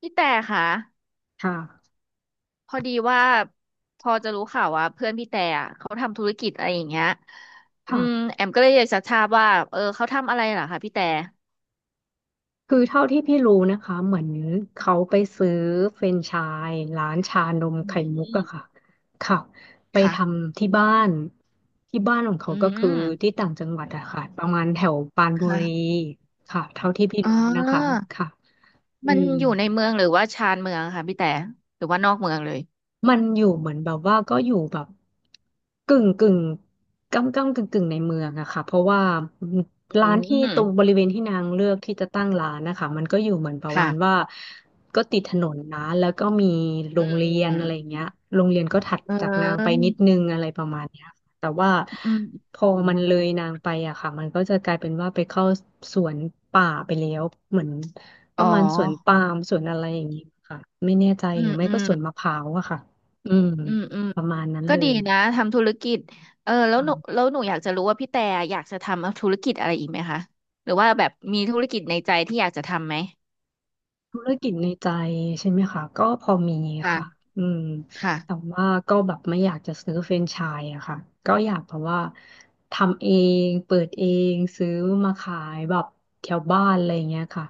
พี่แต่ค่ะค่ะพอดีว่าพอจะรู้ข่าวว่าเพื่อนพี่แต่อะเขาทำธุรกิจอะไรอย่างเงี้ยอืมค่ะ แอมก็เลยอยากจะทราบว่าเขาทำอะไรเหรอคะพี่แต่คือเท่าที่พี่รู้นะคะ เหมือนเขาไปซื้อเฟรนไชส์ร้านชานมอืไข่มุกอะค่ะมค่ะ ไปทค่ะำที่บ้าน ที่บ้านของเขาอืก็คือที่มต่างจังหวัดอะค่ะประมาณแถวปรานบุค่ะรีค่ะเท่าที่พี่อ๋อรู้นะคะค่ะอืมันม อยู่ในเมืองหรือว่าชานเมืองค่ะพี่แต่หรือว่านอกเมืองเลยมันอยู่เหมือนแบบว่าก็อยู่แบบกึ่งกึ่งก้ำก้ำกึ่งกึ่งในเมืองอะค่ะเพราะว่าอืร้านที่ตรงบมริเวณที่นางเลือกที่จะตั้งร้านนะคะมันก็อยู่เหมือนประมาณค่ะว่าก็ติดถนนนะแล้วก็มีโรอืงเรียนอะไรอย่างมเงี้ยโรงเรียนก็ถัดอืจากนางไปนิมดนึงอะไรประมาณเนี้ยค่ะแต่ว่าอืมพอเอออืมอืมมันเลยนางไปอะค่ะมันก็จะกลายเป็นว่าไปเข้าสวนป่าไปแล้วเหมือนปอ๋ระอมาณสวนปาล์มสวนอะไรอย่างงี้ค่ะไม่แน่ใจอืหรือมไม่อืก็ม สวนมะพร้าวอะค่ะ อืมอืมอืมประมาณนั้นก็เลดียนะทำธุรกิจเออแล้วหนูอ่าแล้วหนูอยากจะรู้ว่าพี่แต่อยากจะทำธุรกิจอะไรอีกไหมคะหรือว่าแบบมีธุรกิจในใจที่อยากจะทำไหมธุรกิจในใจใช่ไหมคะก็พอมีค่ะค่ะอืมแต่ค่ะว่าก็แบบไม่อยากจะซื้อแฟรนไชส์อะค่ะก็อยากแบบว่าทำเองเปิดเองซื้อมาขายแบบแถวบ้านอะไรอย่างเงี้ยค่ะ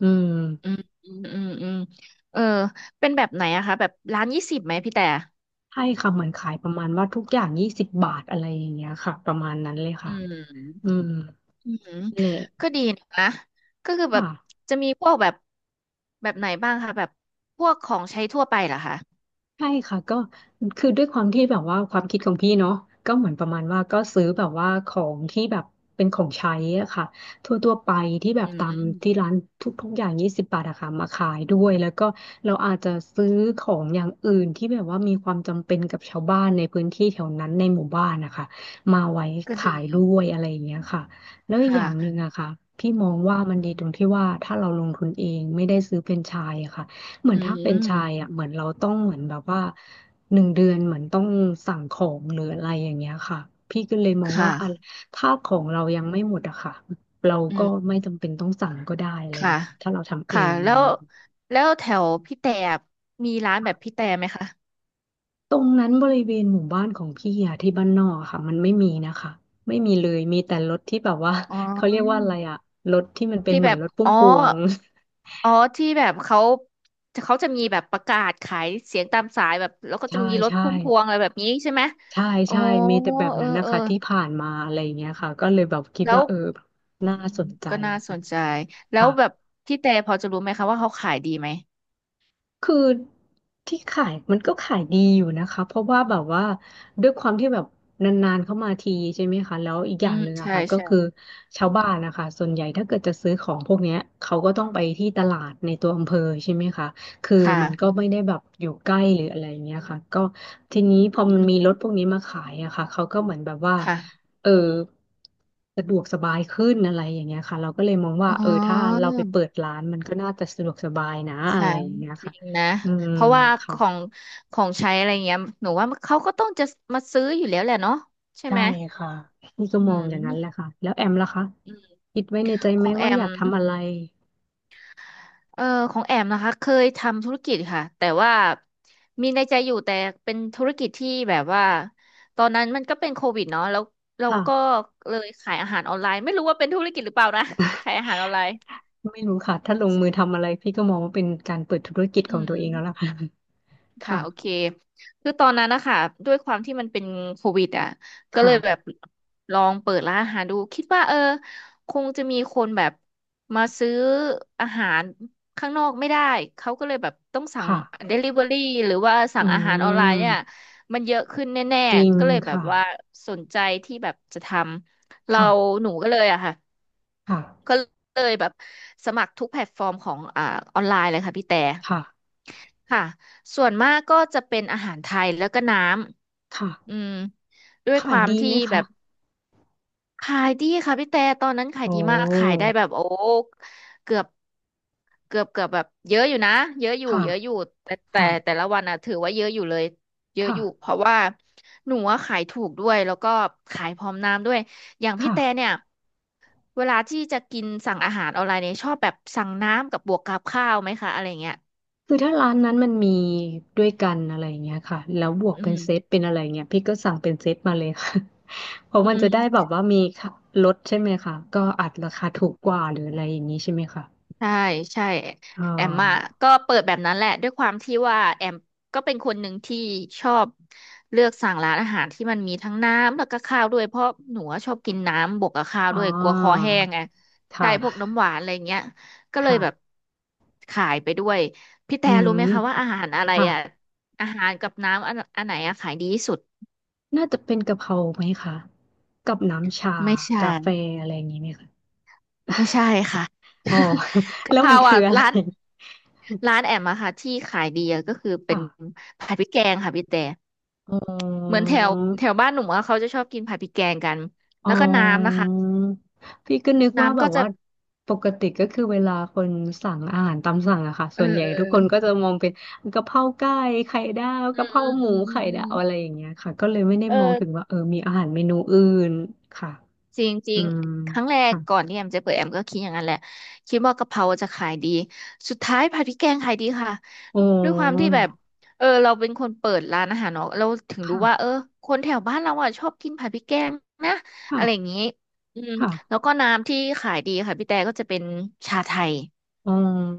อืมอืมอืมอืมอืมเออเป็นแบบไหนอะคะแบบร้าน20ไหมพี่แต่ให้คำเหมือนขายประมาณว่าทุกอย่างยี่สิบบาทอะไรอย่างเงี้ยค่ะประมาณนั้นเลยอืค่ะอืมมอืมแหก็ละดีนะคะก็คือแบค่ะ บจะมีพวกแบบแบบไหนบ้างคะแบบพวกของใช้ทั่วไปเหรอคะใช่ค่ะก็คือด้วยความที่แบบว่าความคิดของพี่เนาะก็เหมือนประมาณว่าก็ซื้อแบบว่าของที่แบบเป็นของใช้อะค่ะทั่วไปที่แบอืบมตามที่ร้านทุกๆอย่างยี่สิบบาทอะค่ะมาขายด้วยแล้วก็เราอาจจะซื้อของอย่างอื่นที่แบบว่ามีความจำเป็นกับชาวบ้านในพื้นที่แถวนั้นในหมู่บ้านนะคะมาไว้ก็ขาดียด้วยอะไรอย่างเงี้ยค่ะแล้วอีกอค่ะย่างหนึ่งอะค่ะพี่มองว่ามันดีตรงที่ว่าถ้าเราลงทุนเองไม่ได้ซื้อแฟรนไชส์อะค่ะ เหมืออืนถ้ามเป็นชายอ่ะเหมือนเราต้องเหมือนแบบว่าหนึ่งเดือนเหมือนต้องสั่งของหรืออะไรอย่างเงี้ยค่ะพี่ก็เลยมองว่าค่ะอะถ้าของเรายังไม่หมดอะค่ะเราอืก็ม ไม่จำเป็นต้องสั่งก็ได้อะไรค่ะเงี้ยถ้าเราทำเอค่ะงอะแล้ไรวเงี้ยแล้วแถวพี่แต่มีร้านแบบค่ะพี่แต่ไหมคะตรงนั้นบริเวณหมู่บ้านของพี่อะที่บ้านนอกอะค่ะมันไม่มีนะคะไม่มีเลยมีแต่รถที่แบบว่า อ๋อ เขาเรียกว่าอะไรอะรถที่มันเป็นที่เหแบมือนบรถพุ่อ๋มอพวง อ๋อที่แบบเขาจะมีแบบประกาศขายเสียงตามสายแบบแล้วก็จะใช่มีรถใช่ พุ่มพวงอะไรแบบนี้ใช่ไหมใช่อ๋อใช่มีแต่แบบเออนั้นนะเออคะที่ผ่านมาอะไรอย่างเงี้ยค่ะก็เลยแบบคิดแล้วว่าแบบน่าอืมสนใจก็น่าสค่ะนใจแล้วค่ะ แบบพี่แต่พอจะรู้ไหมคะว่าเขาขายดีไหมคือที่ขายมันก็ขายดีอยู่นะคะเพราะว่าแบบว่าด้วยความที่แบบนานๆเข้ามาทีใช่ไหมคะแล้วอีกออืย่างมหนึ่งอะใช่ค่ะก็ใช่ คือชาวบ้านนะคะส่วนใหญ่ถ้าเกิดจะซื้อของพวกเนี้ยเขาก็ต้องไปที่ตลาดในตัวอำเภอใช่ไหมคะคือค่ะมันก็ไม่ได้แบบอยู่ใกล้หรืออะไรอย่างเงี้ยค่ะก็ทีนี้พออืมันมีรมถพวกนี้มาขายอะค่ะเขาก็เหมือนแบบว่าค่ะเออสะดวกสบายขึ้นอะไรอย่างเงี้ยค่ะเราก็เลยมองว่าอ๋ถ้าเราไปเปิอ ดร้านมันก็น่าจะสะดวกสบายนะอะใช่ไรอย่างเงี้ยจริค่ะ งนะอืมเพราะว่าขค่ะองของใช้อะไรเงี้ยหนูว่าเขาก็ต้องจะมาซื้ออยู่แล้วแหละเนาะใช่ใช่ไหมค่ะนี่ก็อืมองอย่างนั้นแหละมค่ะแล้วแอมล่ะคะอืมคิดไว้ในใจขไหมองแอว่าอมยากทำอะไรเออของแอมนะคะเคยทำธุรกิจค่ะแต่ว่ามีในใจอยู่แต่เป็นธุรกิจที่แบบว่าตอนนั้นมันก็เป็นโควิดเนาะแล้วเราก็ค่ะเลยขายอาหารออนไลน์ไม่รู้ว่าเป็นธุรกิจหรือเปล่านะ ขายอาหารออนไลน์ไม่รู้ค่ะถ้าลงมือทำอะไรพี่ก็มองว่าเป็นการเปิดธุรกิจอืของตัวเองแล้วล่ะ ม ค่ะค่ะโอเคคือตอนนั้นนะคะด้วยความที่มันเป็นโควิดอ่ะก็เลค่ะยแบบค่ะลองเปิดร้านอาหารดูคิดว่าเออคงจะมีคนแบบมาซื้ออาหารข้างนอกไม่ได้เขาก็เลยแบบต้องสั่ง ค่ะ Delivery หรือว่าอืสั่งอาหารออนไลน์เนี่ยมมันเยอะขึ้นแน่จริงๆก็เลยแบบค่ะว่าสนใจที่แบบจะทำเราค่ะหนูก็เลยอะค่ะค่ะก็เลยแบบสมัครทุกแพลตฟอร์มของออนไลน์เลยค่ะพี่แต่ ค่ะค่ะส่วนมากก็จะเป็นอาหารไทยแล้วก็น้ำอืค่ะมด้วยคขายวามดีที่ไหมแบคะบขายดีค่ะพี่แต่ตอนนั้นขายโอ้ดีมากขายได้แบบโอ้เกือบเกือบแบบเยอะอยู่นะเยอะอยู่ค่ะเยอะอยู่ค่ะแต่ละวันอ่ะถือว่าเยอะอยู่เลยเยอะอยู่เพค่ะราะว่าหนูอะขายถูกด้วยแล้วก็ขายพร้อมน้ำด้วยอย่างพี่ค่ะ แต่เนี่ยเวลาที่จะกินสั่งอาหารออนไลน์เนี่ยชอบแบบสั่งน้ำกับบวกกับข้าวไหมคะอะไรเงี้ยคือถ้าร้านนั้นมันมีด้วยกันอะไรอย่างเงี้ยค่ะแล้วบวกอืเป็นเซตมเป็นอะไรเงี้ยพี่ก็สั่งเป็นเซตมาเลยค่ะ เพราะอืมันจะได้แบม บว่ามีค่ะลดใช่ไหมคะก็อัดราคาถูกกว่าหรืออะไรอย่างนี้ใช่ไหมคะใช่ใช่อ๋อแอมอ่ะก็เปิดแบบนั้นแหละด้วยความที่ว่าแอมก็เป็นคนหนึ่งที่ชอบเลือกสั่งร้านอาหารที่มันมีทั้งน้ำแล้วก็ข้าวด้วยเพราะหนูอะชอบกินน้ำบวกกับข้าวอ๋อด้วยกลัวคอแห้งไงคใช่พวก่ะน้ำหวานอะไรเงี้ยก็เลยแบบค่ะขายไปด้วยพี่แต่อืรู้ไหมคะว่ามอาหารอะไรค่ะอ่ะอาหารกับน้ำอันไหนอะขายดีที่สุดน่าจะเป็นกะเพราไหมคะกับน้ำชาไม่ใช่กาแฟอะไรอย่างนี้ไหมคะไม่ใช่ค่ะ อ๋อ กะแล้วเพมัรานคือ่ะออะไรร้าน ร้านแอมอะค่ะที่ขายดีอะก็คือเป็นค่ะผัดพริกแกงค่ะพี่แต่อ๋เหมือนอ แถวแถวบ้านหนูอะเขาจะชอบกินผัดพริกแกงกันอ๋แล้วก็น้ำนะอคะพี่ก็นึกว่าน้ำแบก็บจะว่าปกติก็คือเวลาคนสั่งอาหารตามสั่งอะค่ะเอส่อวนใหญ่เออทุกคนก็จะมองเป็นกะเพราไก่ไข่ดาวเออกะเพราอืมหมูอืมอืมไข่อืมดาวอือะไรมอย่างเงี้ยค่ะก็เลยไม่ได้เอมองถึงอ ว่ามีอาหารเมนูอื่นค่ะจริอืงมๆ ครั้งแรกค่ะก่อนที่แอมจะเปิดแอมก็คิดอย่างนั้นแหละคิดว่ากะเพราจะขายดีสุดท้ายผัดพริกแกงขายดีค่ะอ๋อด้วยความที่แบบเออเราเป็นคนเปิดร้านอาหารเนาะเราถึงรู้ว่าเออค่ะคนแถวบ้านเราอ่ะชอบกินผัดพริกแกงนะค่ะอะไรอย่างนี้อืมแล้ค่ะวก็น้ำที่ขายดีค่ะพี่แต่ก็จะเป็นชาไทยอ๋อ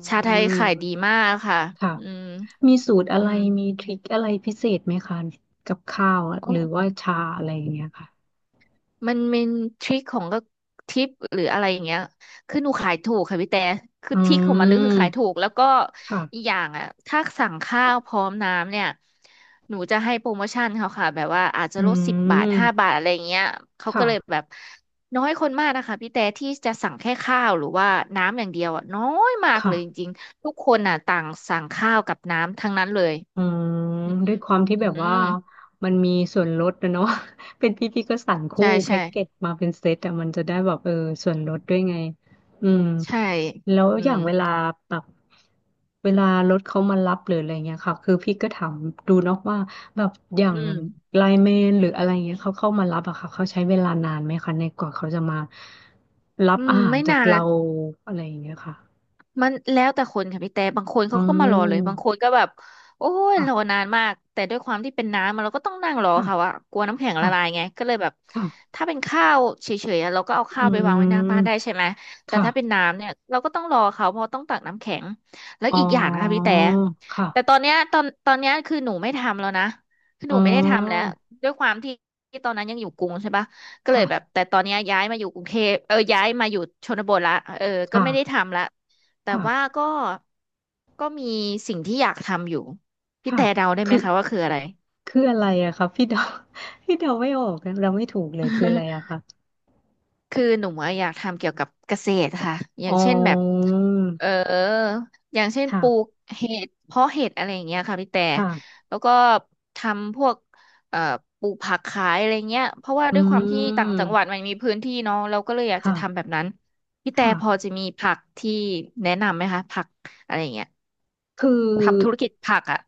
ชาไทยขายดีมากค่ะค่ะอืมมีสูตรอะอืไรม มีทริคอะไรพิเศษไหมคะกับข้าวอะหรือว่าชาอะไรอย่างเงี้ยค่ะมันเป็นทริคของก็ทิปหรืออะไรอย่างเงี้ยคือหนูขายถูกค่ะพี่แต่คืออืทริคของมันเลยคือขายถูมกแล้วก็อีกค่ะ อย่างอ่ะถ้าสั่งข้าวพร้อมน้ำเนี่ยหนูจะให้โปรโมชั่นเขาค่ะแบบว่าอาจจะอืลด10 บาทห้าบามทอะไรอย่างเงี้ยเขาก็ค่ะเลยแบบน้อยคนมากนะคะพี่แต่ที่จะสั่งแค่ข้าวหรือว่าน้ำอย่างเดียวอ่ะน้อยมากเลยจค่ะริงๆทุกคนอ่ะต่างสั่งข้าวกับน้ำทั้งนั้นเลยอืมอืมด้วยความที่อืแบบว่ามมันมีส่วนลดนะเนาะ เป็นพี่ก็สั่งคู่ใช่แพ็ใช่กเกจมาเป็นเซตอะมันจะได้แบบส่วนลดด้วยไงอืมใช่แล้วอือย่ามงเวลาแบบเวลารถเขามารับหรืออะไรเงี้ยค่ะ คือพี่ก็ถามดูเนาะว่าแบบอย่าอืงม ไลน์แมนหรืออะไรเงี้ยเขาเข้ามารับอะค่ะเขาใช้เวลานานไหมคะในกว่าเขาจะมารัอืบมอาหารไม่จานากน เราอะไรอย่างเงี้ยค่ะมันแล้วแต่คนค่ะพี่แต่บางคนอืเขาก็มารอเลยบางคมนก็แบบโอ้ยรอค่ะ นานมากแต่ด้วยความที่เป็นน้ำอะเราก็ต้องนั่งรอค่ะเขาอะว่ากลัวน้ำแข็งละค่ะลายไงก็เลยแบบค่ะถ้าเป็นข้าวเฉยๆอะเราก็เอาอืข้าวไปวางมไว้หน้าบ้านได้ใช่ไหมแต่ค่ะถ้าเป็นน้ำเนี่ยเราก็ต้องรอเขาเพราะต้องตักน้ำแข็งแล้วอ๋ออีกอย่างนะคะพี่แต่แต่ตอค่ะนเนี้ยตอนเนี้ยคือหนูไม่ทำแล้วนะคืออ๋หอนูไม่ได้ทำแล้วด้วยความที่ที่ตอนนั้นยังอยู่กรุงใช่ปะก็เลยแบบค่ะแต่ตอนเนี้ยย้ายมาอยู่กรุงเทพเออย้ายมาอยู่ชนบทละเออก็ไม่ได้ค่ะทำละ แต่ว่าค่ะก็ก็มีสิ่งที่อยากทำอยู่พี่ค่ะแต่เดาได้ไหมคือ คะว่าคืออะไร คืออะไรอะคะพี่เดา พี่เดาไม่ออกนะเราไม่ถูกเลยคืออะไรอะ คะคือหนูอะอยากทำเกี่ยวกับเกษตรค่ะออ๋ย่างอเช่นแบบเอออย่างเช่นปลูกค่ะเห็ดเพาะเห็ดอะไรอย่างเงี้ยค่ะพี่แต่ค่ะแล้วก็ทำพวกเอ่อปลูกผักขายอะไรเงี้ยเพราะว่าอืด้วยความที่ต่างจัมงหวัดมันมีพื้นที่เนาะเราก็เลยอยากจะค่ะทำแบบนั้นพี่แต่ค่ะ พอจะมีผักที่แนะนำไหมคะผักอะไรอย่างเงี้ยคือ ทำธุรกิจผักอ่ะ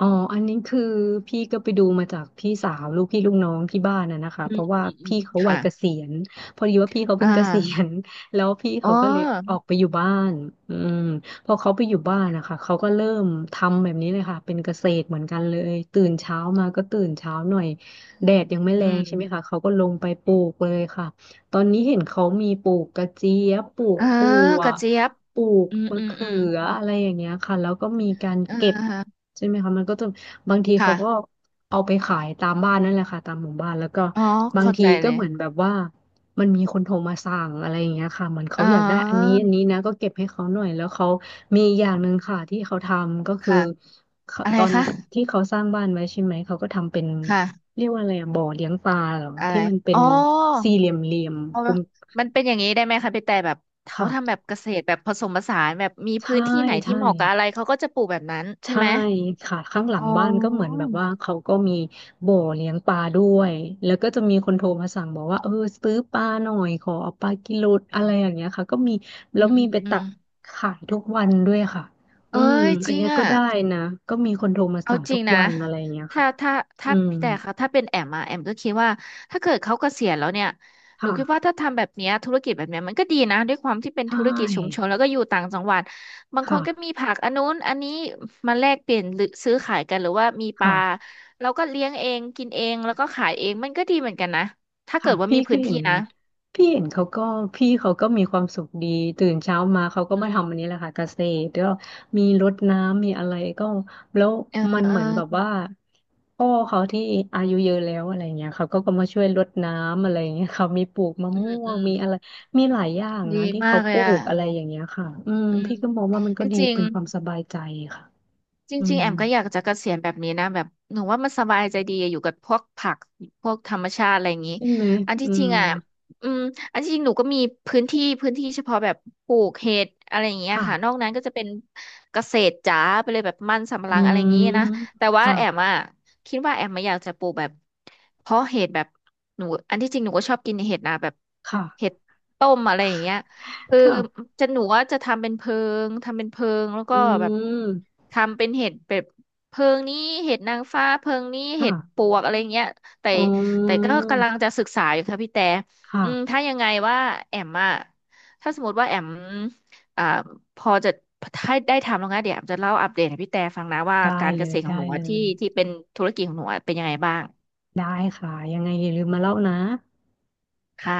อ๋ออันนี้คือพี่ก็ไปดูมาจากพี่สาวลูกพี่ลูกน้องที่บ้านน่ะนะคะอืเพมราะอืว่ามอืมพี่เขาวัยค่ะ เกษียณพอดีว่าพี่เขาอ่เพิ่งเกษียาณแล้วพี่อ๋อเขาก็เลยออกไปอยู่บ้านอืมพอเขาไปอยู่บ้านนะคะเขาก็เริ่มทำแบบนี้เลยค่ะเป็นเกษตรเหมือนกันเลยตื่นเช้ามาก็ตื่นเช้าหน่อยแดดยังไม่อืแรงใช่ไหมคะมเขาก็ลงไปปลูกเลยค่ะตอนนี้เห็นเขามีปลูกกระเจี๊ยบปลูเอกอถั่วกระเจี๊ยบปลูกอืมมะอืมเขือืมออะไรอย่างเงี้ยค่ะแล้วก็มีการเอเก็บ อใช่ไหมคะมันก็จะบางทีเขาก็ค่ะเอาไปขายตามบ้านนั่นแหละค่ะตามหมู่บ้านแล้วก็อ๋อบางเข้าทีใจก็เลยเหมือนแบบว่ามันมีคนโทรมาสั่งอะไรอย่างเงี้ยค่ะเหมือนเขาอ๋ออยากได้อันนี้อันนี้นะก็เก็บให้เขาหน่อยแล้วเขามีอย่างหนึ่งค่ะที่เขาทำก็คือค่ะเขาอะไรตอนคะที่เขาสร้างบ้านไว้ใช่ไหมเขาก็ทำเป็นค่ะเรียกว่าอะไรอะบ่อเลี้ยงปลาเหรออะไรที่มันเป็อ๋นอสี่เหลี่ยมเอากลมมันเป็นอย่างนี้ได้ไหมคะพี่แต่แบบเขาทำแบค่ะบเกษตรแบบผสมผสานแบบมีพื้ใช่นที่ไหนที่ใช่ เหมาะกับอะไรเขาก็จะปลูกแบบนั้นใช่ใช่ไหมค่ะข้างหลัอ๋งบ้านก็เหมือนอแบบว่าเขาก็มีบ่อเลี้ยงปลาด้วยแล้วก็จะมีคนโทรมาสั่งบอกว่าเออซื้อปลาหน่อยขอเอาปลากิโลอือะไรมอย่างเงี้ยค่ะก็มีแล้อืวมอืมีมไปอืตัมกขายทุกวันด้วยค่ะอืเอ้มยจอันริงเนี้ยก็อ่ะ ได้นะก็มีคนโทรมาเอาสั่งจทุริงกนะ วันอะไรอย่างเงี้ยถ้าค่ะถ้าอืถ้ามพี่แต่ค่ะถ้าเป็นแอมอะแอมก็คิดว่าถ้าเกิดเขาเกษียณแล้วเนี่ยหนูคิดว่าค่ะถ้าทำแบบเนี้ยธุรกิจแบบเนี้ยมันก็ดีนะด้วยความที่เป็นใชธุรกิจชุมช่นแล้วก็อยู่ต่างจังหวัดบางคนก็มีค่ะผักอันนู้นอันนี้มาแลกเปลี่ยนหรือซื้อขายกันหรือว่ามีปลาค่ะ เราก็เลี้ยงเองกินเองแล้วก็ขายเองมันก็ดีเหมือนกันนะถ้าค่ะเกิดว่าพี่มีก็พื้นเห็ที่นนะพี่เห็นเขาก็พี่เขาก็มีความสุขดีตื่นเช้ามาเขาก็อืมาทำอัมนนี้แหละค่ะเกษตรแล้วมีรดน้ำมีอะไรก็แล้วเออมันเออเหมือนแบบว่าพ่อเขาที่อายุเยอะแล้วอะไรเงี้ยเขาก็มาช่วยรดน้ำอะไรเงี้ยเขามีปลูกมะอืม่มวอืงมมีอะไรมีหลายอย่างนะดีที่มาเขากเลปลูยอ่ะกอะไรอย่างเงี้ยค่ะอืมอืมพี่ก็มองว่ามันจก็ดีริงเป็นความสๆ บายใจค่ะจอืริงๆมแอมก็อยากจะเกษียณแบบนี้นะแบบหนูว่ามันสบายใจดีอยู่กับพวกผักพวกธรรมชาติอะไรอย่างนี้ใช่ไหมอันอืที่จริมงอ่ะอืมอันที่จริงหนูก็มีพื้นที่เฉพาะแบบปลูกเห็ดอะไรอย่างเงี้ยค่ะนอค่ะกนั้นก็จะเป็นเกษตรจ๋าไปเลยแบบมันสำปะหอืลังอะไรมอย่างงี้นะแต่ว่าค่ะแอมอ่ะคิดว่าแอมมาอยากจะปลูกแบบเพาะเห็ดแบบหนูอันที่จริงหนูก็ชอบกินเห็ดนะแบบค่ะเห็ดต้มอะไรอย่างเงี้ย เออค่ะ จะหนูว่าจะทำเป็นเพิงทำเป็นเพิงแล้วอืก็แบบม ทำเป็นเห็ดแบบเพิงนี้เห็ดนางฟ้าเพิงนี้ค่ะเห็ดปวกอะไรเงี้ยแต่อ๋แต่ก็อกำลังจะศึกษาอยู่ค่ะพี่แต่ค่ะ อืมถ้ายังไงว่าแอมอะถ้าสมมติว่าแอมอ่าพอจะถ้าได้ทำแล้วนะเดี๋ยวแอมจะเล่าอัปเดตให้พี่แต่ฟังนะว่าได้การเลเกษย ตรของได้หนูเลอะที่ย ที่เป็นธุรกิจของหนูอะเป็นยังไงบ้างได้ค่ะ ยังไงอย่าลืมมาเล่านะค่ะ